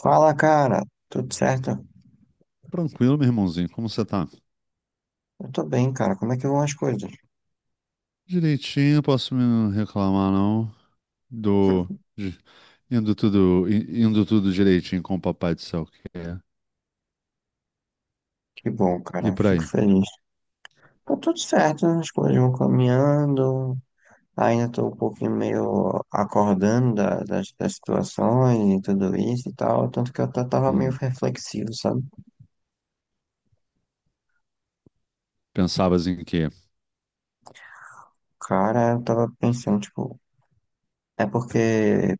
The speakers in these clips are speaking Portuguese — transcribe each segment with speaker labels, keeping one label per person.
Speaker 1: Fala, cara. Tudo certo?
Speaker 2: Tranquilo, meu irmãozinho. Como você tá?
Speaker 1: Eu tô bem, cara. Como é que vão as coisas?
Speaker 2: Direitinho, posso me reclamar, não? Do. de- indo tudo direitinho com o papai do céu que é.
Speaker 1: Que bom,
Speaker 2: E
Speaker 1: cara.
Speaker 2: por aí?
Speaker 1: Fico feliz. Tá tudo certo, né? As coisas vão caminhando. Ainda tô um pouquinho meio acordando das situações e tudo isso e tal. Tanto que eu até tava meio
Speaker 2: Hum,
Speaker 1: reflexivo, sabe?
Speaker 2: pensavas em quê?
Speaker 1: Cara, eu tava pensando, tipo, é porque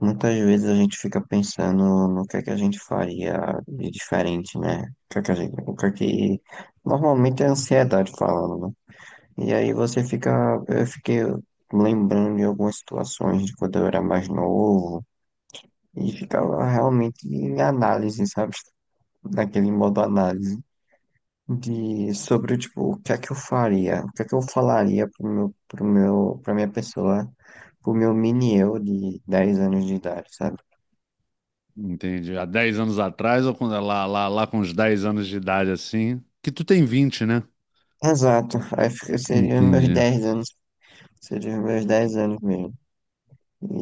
Speaker 1: muitas vezes a gente fica pensando no que é que a gente faria de diferente, né? O que é que a gente, o que é que normalmente é a ansiedade falando, né? E aí você fica, eu fiquei lembrando de algumas situações de quando eu era mais novo e ficava realmente em análise, sabe? Naquele modo análise de sobre tipo o que é que eu faria, o que é que eu falaria pra minha pessoa, pro meu mini eu de 10 anos de idade, sabe?
Speaker 2: Entendi. Há 10 anos atrás ou quando, lá com uns 10 anos de idade assim? Que tu tem 20, né?
Speaker 1: Exato, aí seria os meus
Speaker 2: Entendi.
Speaker 1: 10 anos, seria os meus 10 anos mesmo.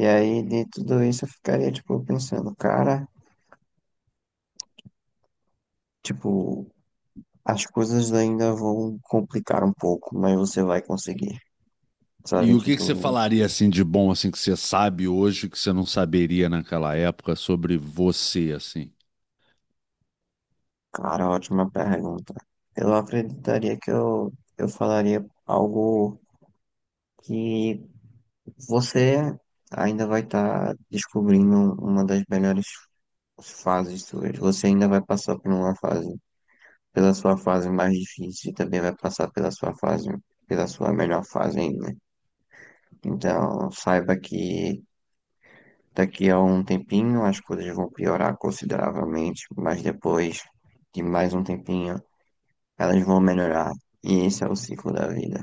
Speaker 1: E aí de tudo isso eu ficaria tipo pensando, cara, tipo, as coisas ainda vão complicar um pouco, mas você vai conseguir.
Speaker 2: E
Speaker 1: Sabe,
Speaker 2: o que que você
Speaker 1: tipo,
Speaker 2: falaria assim de bom assim que você sabe hoje que você não saberia naquela época sobre você assim?
Speaker 1: cara, ótima pergunta. Eu acreditaria que eu falaria algo que você ainda vai estar descobrindo uma das melhores fases suas. Você ainda vai passar por uma fase, pela sua fase mais difícil, e também vai passar pela sua fase, pela sua melhor fase ainda. Então, saiba que daqui a um tempinho as coisas vão piorar consideravelmente, mas depois de mais um tempinho elas vão melhorar. E esse é o ciclo da vida.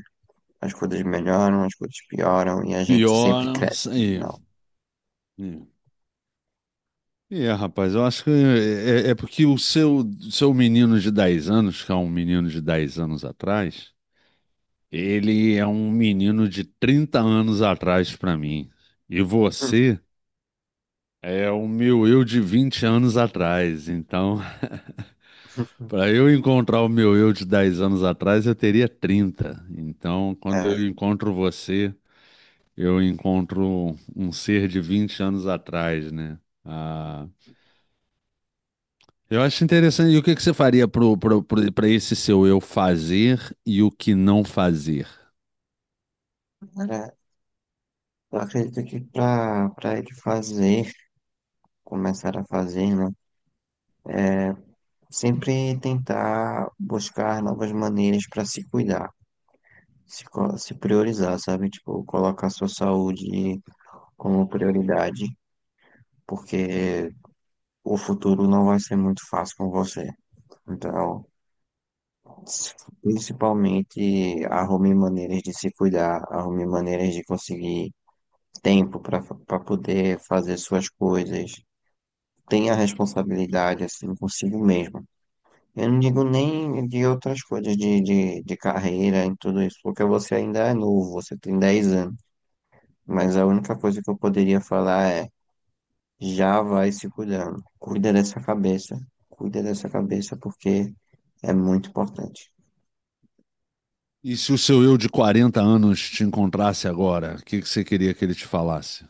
Speaker 1: As coisas melhoram, as coisas pioram e a gente
Speaker 2: Pior,
Speaker 1: sempre
Speaker 2: não
Speaker 1: cresce no
Speaker 2: sei.
Speaker 1: final.
Speaker 2: Hum. E é, rapaz, eu acho que é porque o seu menino de 10 anos, que é um menino de 10 anos atrás, ele é um menino de 30 anos atrás pra mim. E você é o meu eu de 20 anos atrás. Então, pra eu encontrar o meu eu de 10 anos atrás, eu teria 30. Então, quando
Speaker 1: É,
Speaker 2: eu encontro você, eu encontro um ser de 20 anos atrás, né? Ah, eu acho interessante. E o que que você faria para esse seu eu fazer e o que não fazer?
Speaker 1: era- eu acredito que para ele fazer, começar a fazer, né? Sempre tentar buscar novas maneiras para se cuidar, se priorizar, sabe? Tipo, colocar sua saúde como prioridade, porque o futuro não vai ser muito fácil com você. Então, principalmente, arrume maneiras de se cuidar, arrume maneiras de conseguir tempo para poder fazer suas coisas. Tenha responsabilidade, assim, consigo mesmo. Eu não digo nem de outras coisas, de carreira, em tudo isso, porque você ainda é novo, você tem 10 anos. Mas a única coisa que eu poderia falar é: já vai se cuidando. Cuida dessa cabeça. Cuida dessa cabeça porque é muito importante.
Speaker 2: E se o seu eu de 40 anos te encontrasse agora, o que que você queria que ele te falasse?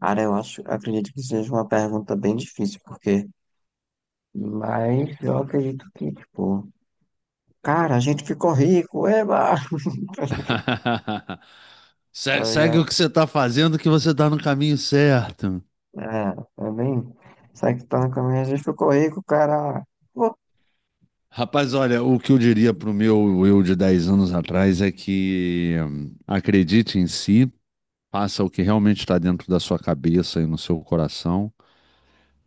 Speaker 1: Cara, eu acho, acredito que seja uma pergunta bem difícil, porque. Mas eu acredito que, tipo, cara, a gente ficou rico, eba! Tá
Speaker 2: Segue o
Speaker 1: ligado?
Speaker 2: que você está fazendo, que você está no caminho certo.
Speaker 1: É, também. Sai que tá no caminho, a gente ficou rico, cara. Pô,
Speaker 2: Rapaz, olha, o que eu diria pro meu eu de 10 anos atrás é que acredite em si, faça o que realmente está dentro da sua cabeça e no seu coração.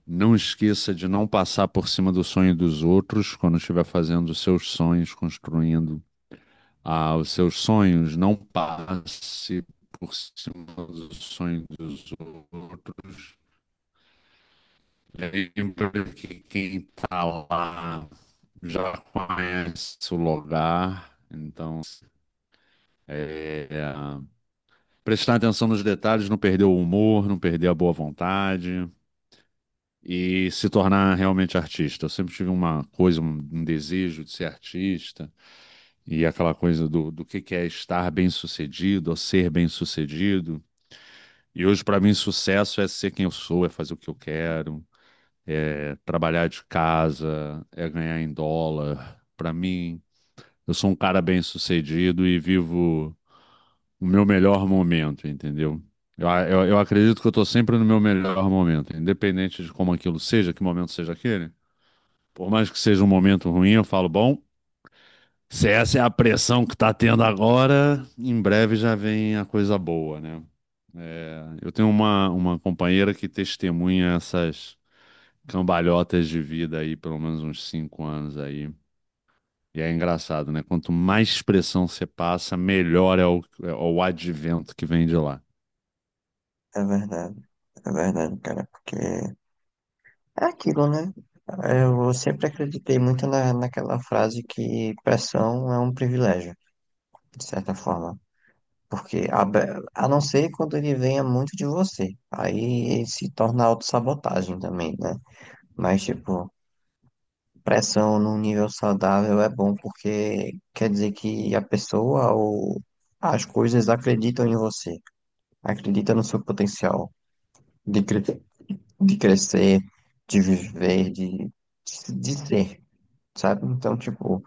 Speaker 2: Não esqueça de não passar por cima do sonho dos outros quando estiver fazendo os seus sonhos, construindo os seus sonhos. Não passe por cima do sonho dos outros. Lembra que quem está lá já conhece o lugar. Então, prestar atenção nos detalhes, não perder o humor, não perder a boa vontade e se tornar realmente artista. Eu sempre tive uma coisa, um desejo de ser artista. E aquela coisa do que é estar bem-sucedido ou ser bem-sucedido. E hoje, para mim, sucesso é ser quem eu sou, é fazer o que eu quero, é trabalhar de casa, é ganhar em dólar. Para mim, eu sou um cara bem-sucedido e vivo o meu melhor momento, entendeu? Eu acredito que eu estou sempre no meu melhor momento, independente de como aquilo seja, que momento seja aquele. Por mais que seja um momento ruim, eu falo, bom, se essa é a pressão que tá tendo agora, em breve já vem a coisa boa, né? É, eu tenho uma companheira que testemunha essas cambalhotas de vida aí, pelo menos uns 5 anos aí. E é engraçado, né? Quanto mais pressão você passa, melhor é o advento que vem de lá.
Speaker 1: é verdade, é verdade, cara, porque é aquilo, né? Eu sempre acreditei muito na, naquela frase que pressão é um privilégio. De certa forma. Porque a não ser quando ele venha muito de você. Aí ele se torna autossabotagem também, né? Mas, tipo, pressão num nível saudável é bom porque quer dizer que a pessoa ou as coisas acreditam em você, acreditam no seu potencial de, cre- de crescer, de viver, de ser, sabe? Então, tipo,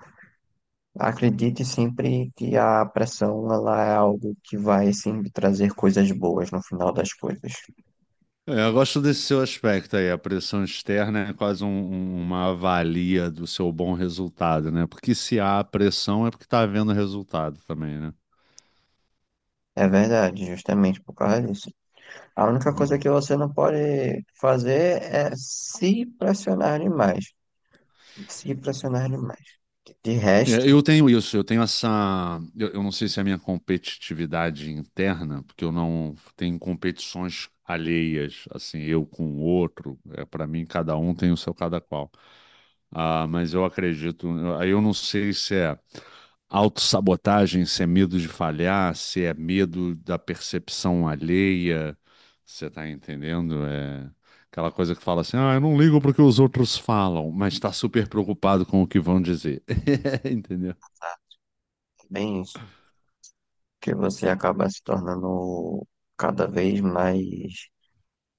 Speaker 1: acredite sempre que a pressão ela é algo que vai sempre trazer coisas boas no final das coisas.
Speaker 2: É, eu gosto desse seu aspecto aí, a pressão externa é quase uma avalia do seu bom resultado, né? Porque se há pressão é porque está havendo resultado também, né?
Speaker 1: É verdade, justamente por causa disso. A única coisa
Speaker 2: Hum.
Speaker 1: que você não pode fazer é se pressionar demais. Se pressionar demais. De resto,
Speaker 2: É,
Speaker 1: é
Speaker 2: eu tenho isso, eu tenho essa. Eu não sei se é a minha competitividade interna, porque eu não tenho competições alheias, assim, eu com o outro. É, para mim, cada um tem o seu cada qual. Ah, mas eu acredito. Aí eu não sei se é autossabotagem, se é medo de falhar, se é medo da percepção alheia. Você tá entendendo? É aquela coisa que fala assim: ah, eu não ligo pro que os outros falam, mas está super preocupado com o que vão dizer. Entendeu?
Speaker 1: bem isso. Que você acaba se tornando cada vez mais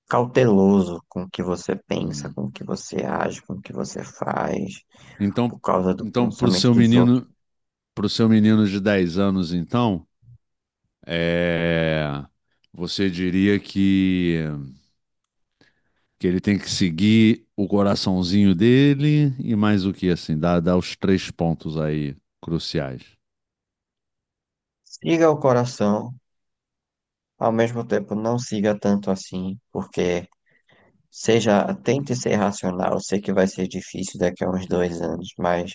Speaker 1: cauteloso com o que você pensa,
Speaker 2: Hum.
Speaker 1: com o que você age, com o que você faz, por
Speaker 2: Então,
Speaker 1: causa do
Speaker 2: então, pro
Speaker 1: pensamento
Speaker 2: seu
Speaker 1: dos outros.
Speaker 2: menino, pro seu menino de 10 anos, então, é, você diria que ele tem que seguir o coraçãozinho dele e mais o que assim, dá os 3 pontos aí cruciais.
Speaker 1: Siga o coração, ao mesmo tempo não siga tanto assim, porque seja, tente ser racional. Sei que vai ser difícil daqui a uns 2 anos, mas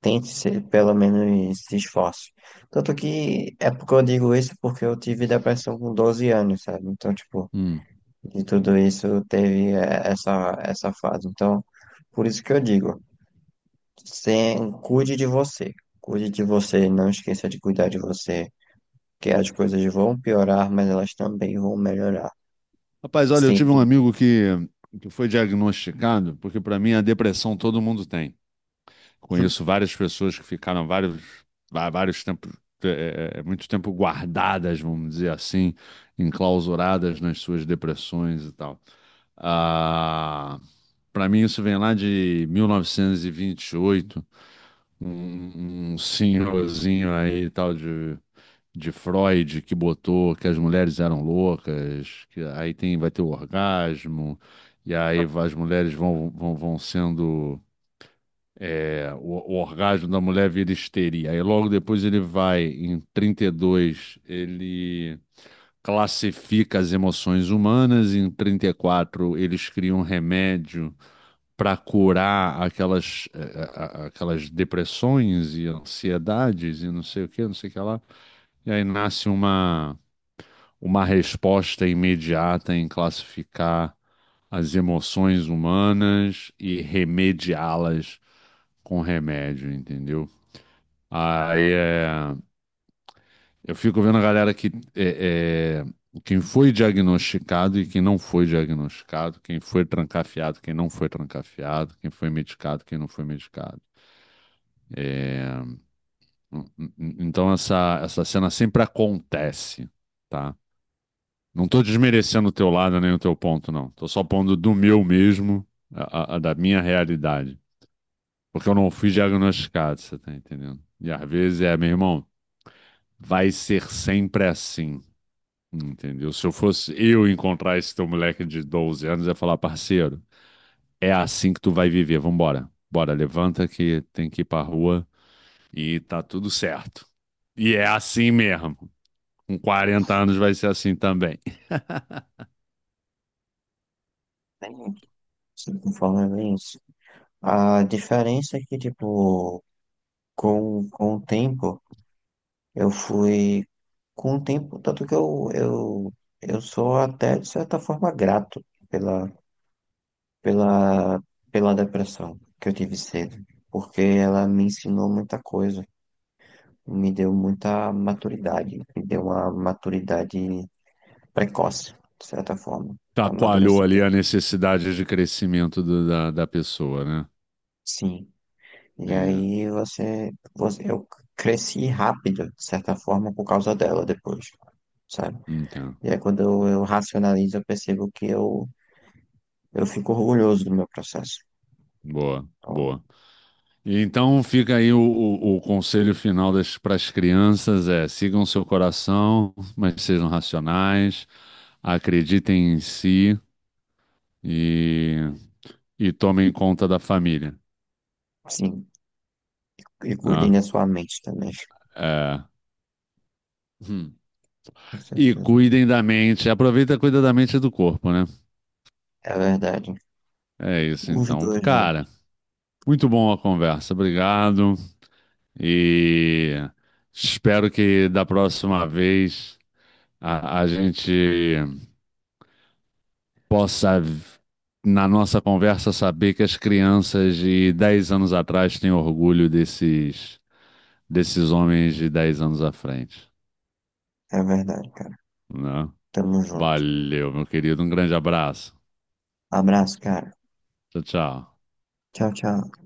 Speaker 1: tente ser, pelo menos se esforce. Tanto que é porque eu digo isso porque eu tive depressão com 12 anos, sabe? Então, tipo,
Speaker 2: Hum.
Speaker 1: de tudo isso teve essa fase. Então, por isso que eu digo, sem, cuide de você. Cuide de você, não esqueça de cuidar de você. Que as coisas vão piorar, mas elas também vão melhorar.
Speaker 2: Rapaz, olha, eu tive
Speaker 1: Sempre,
Speaker 2: um amigo que foi diagnosticado, porque para mim a depressão todo mundo tem. Conheço várias pessoas que ficaram vários tempos, muito tempo guardadas, vamos dizer assim, enclausuradas nas suas depressões e tal. Ah, para mim isso vem lá de mil novecentos e vinte e oito. Um senhorzinho aí, tal de Freud, que botou que as mulheres eram loucas, que aí tem, vai ter o orgasmo, e aí as mulheres vão sendo. O orgasmo da mulher vira histeria. Aí logo depois ele vai, em 32 ele. Classifica as emoções humanas, em 34 eles criam um remédio para curar aquelas, eh, eh, a- aquelas depressões e ansiedades e não sei o que, não sei o que lá. E aí nasce uma resposta imediata em classificar as emoções humanas e remediá-las com remédio, entendeu? Aí, eu fico vendo a galera que é, quem foi diagnosticado e quem não foi diagnosticado, quem foi trancafiado, quem não foi trancafiado, quem foi medicado, quem não foi medicado. Então essa cena sempre acontece, tá? Não tô desmerecendo o teu lado nem o teu ponto, não. Tô só pondo do meu mesmo, a da minha realidade. Porque eu não fui diagnosticado, você tá entendendo? E às vezes meu irmão, vai ser sempre assim, entendeu? Se eu fosse eu encontrar esse teu moleque de 12 anos, eu ia falar, parceiro, é assim que tu vai viver, vambora. Bora, levanta que tem que ir pra rua e tá tudo certo. E é assim mesmo. Com 40 anos vai ser assim também.
Speaker 1: sempre conforme é isso. A diferença é que, tipo, com o tempo, eu fui. Com o tempo, tanto que eu sou até, de certa forma, grato pela, pela, pela depressão que eu tive cedo, porque ela me ensinou muita coisa, me deu muita maturidade, me deu uma maturidade precoce, de certa forma.
Speaker 2: Chacoalhou
Speaker 1: Amadureci.
Speaker 2: ali a necessidade de crescimento da pessoa, né?
Speaker 1: Sim. E
Speaker 2: Entendi.
Speaker 1: aí eu cresci rápido, de certa forma, por causa dela depois, sabe?
Speaker 2: Então,
Speaker 1: E aí quando eu racionalizo, eu percebo que eu fico orgulhoso do meu processo.
Speaker 2: boa,
Speaker 1: Então,
Speaker 2: boa. E então fica aí o conselho final para as crianças é sigam seu coração, mas sejam racionais, acreditem em si e, e tomem conta da família,
Speaker 1: sim. E cuidem
Speaker 2: né?
Speaker 1: da sua mente também,
Speaker 2: É. Hum.
Speaker 1: com
Speaker 2: E
Speaker 1: certeza.
Speaker 2: cuidem da mente, aproveita e cuida da mente e do corpo, né?
Speaker 1: É verdade.
Speaker 2: É isso
Speaker 1: Os
Speaker 2: então,
Speaker 1: dois
Speaker 2: cara.
Speaker 1: juntos.
Speaker 2: Muito bom a conversa, obrigado. E espero que da próxima vez a gente possa, na nossa conversa, saber que as crianças de 10 anos atrás têm orgulho desses homens de 10 anos à frente,
Speaker 1: É verdade, cara.
Speaker 2: né?
Speaker 1: Tamo junto.
Speaker 2: Valeu, meu querido. Um grande abraço.
Speaker 1: Abraço, cara.
Speaker 2: Tchau, tchau.
Speaker 1: Tchau, tchau.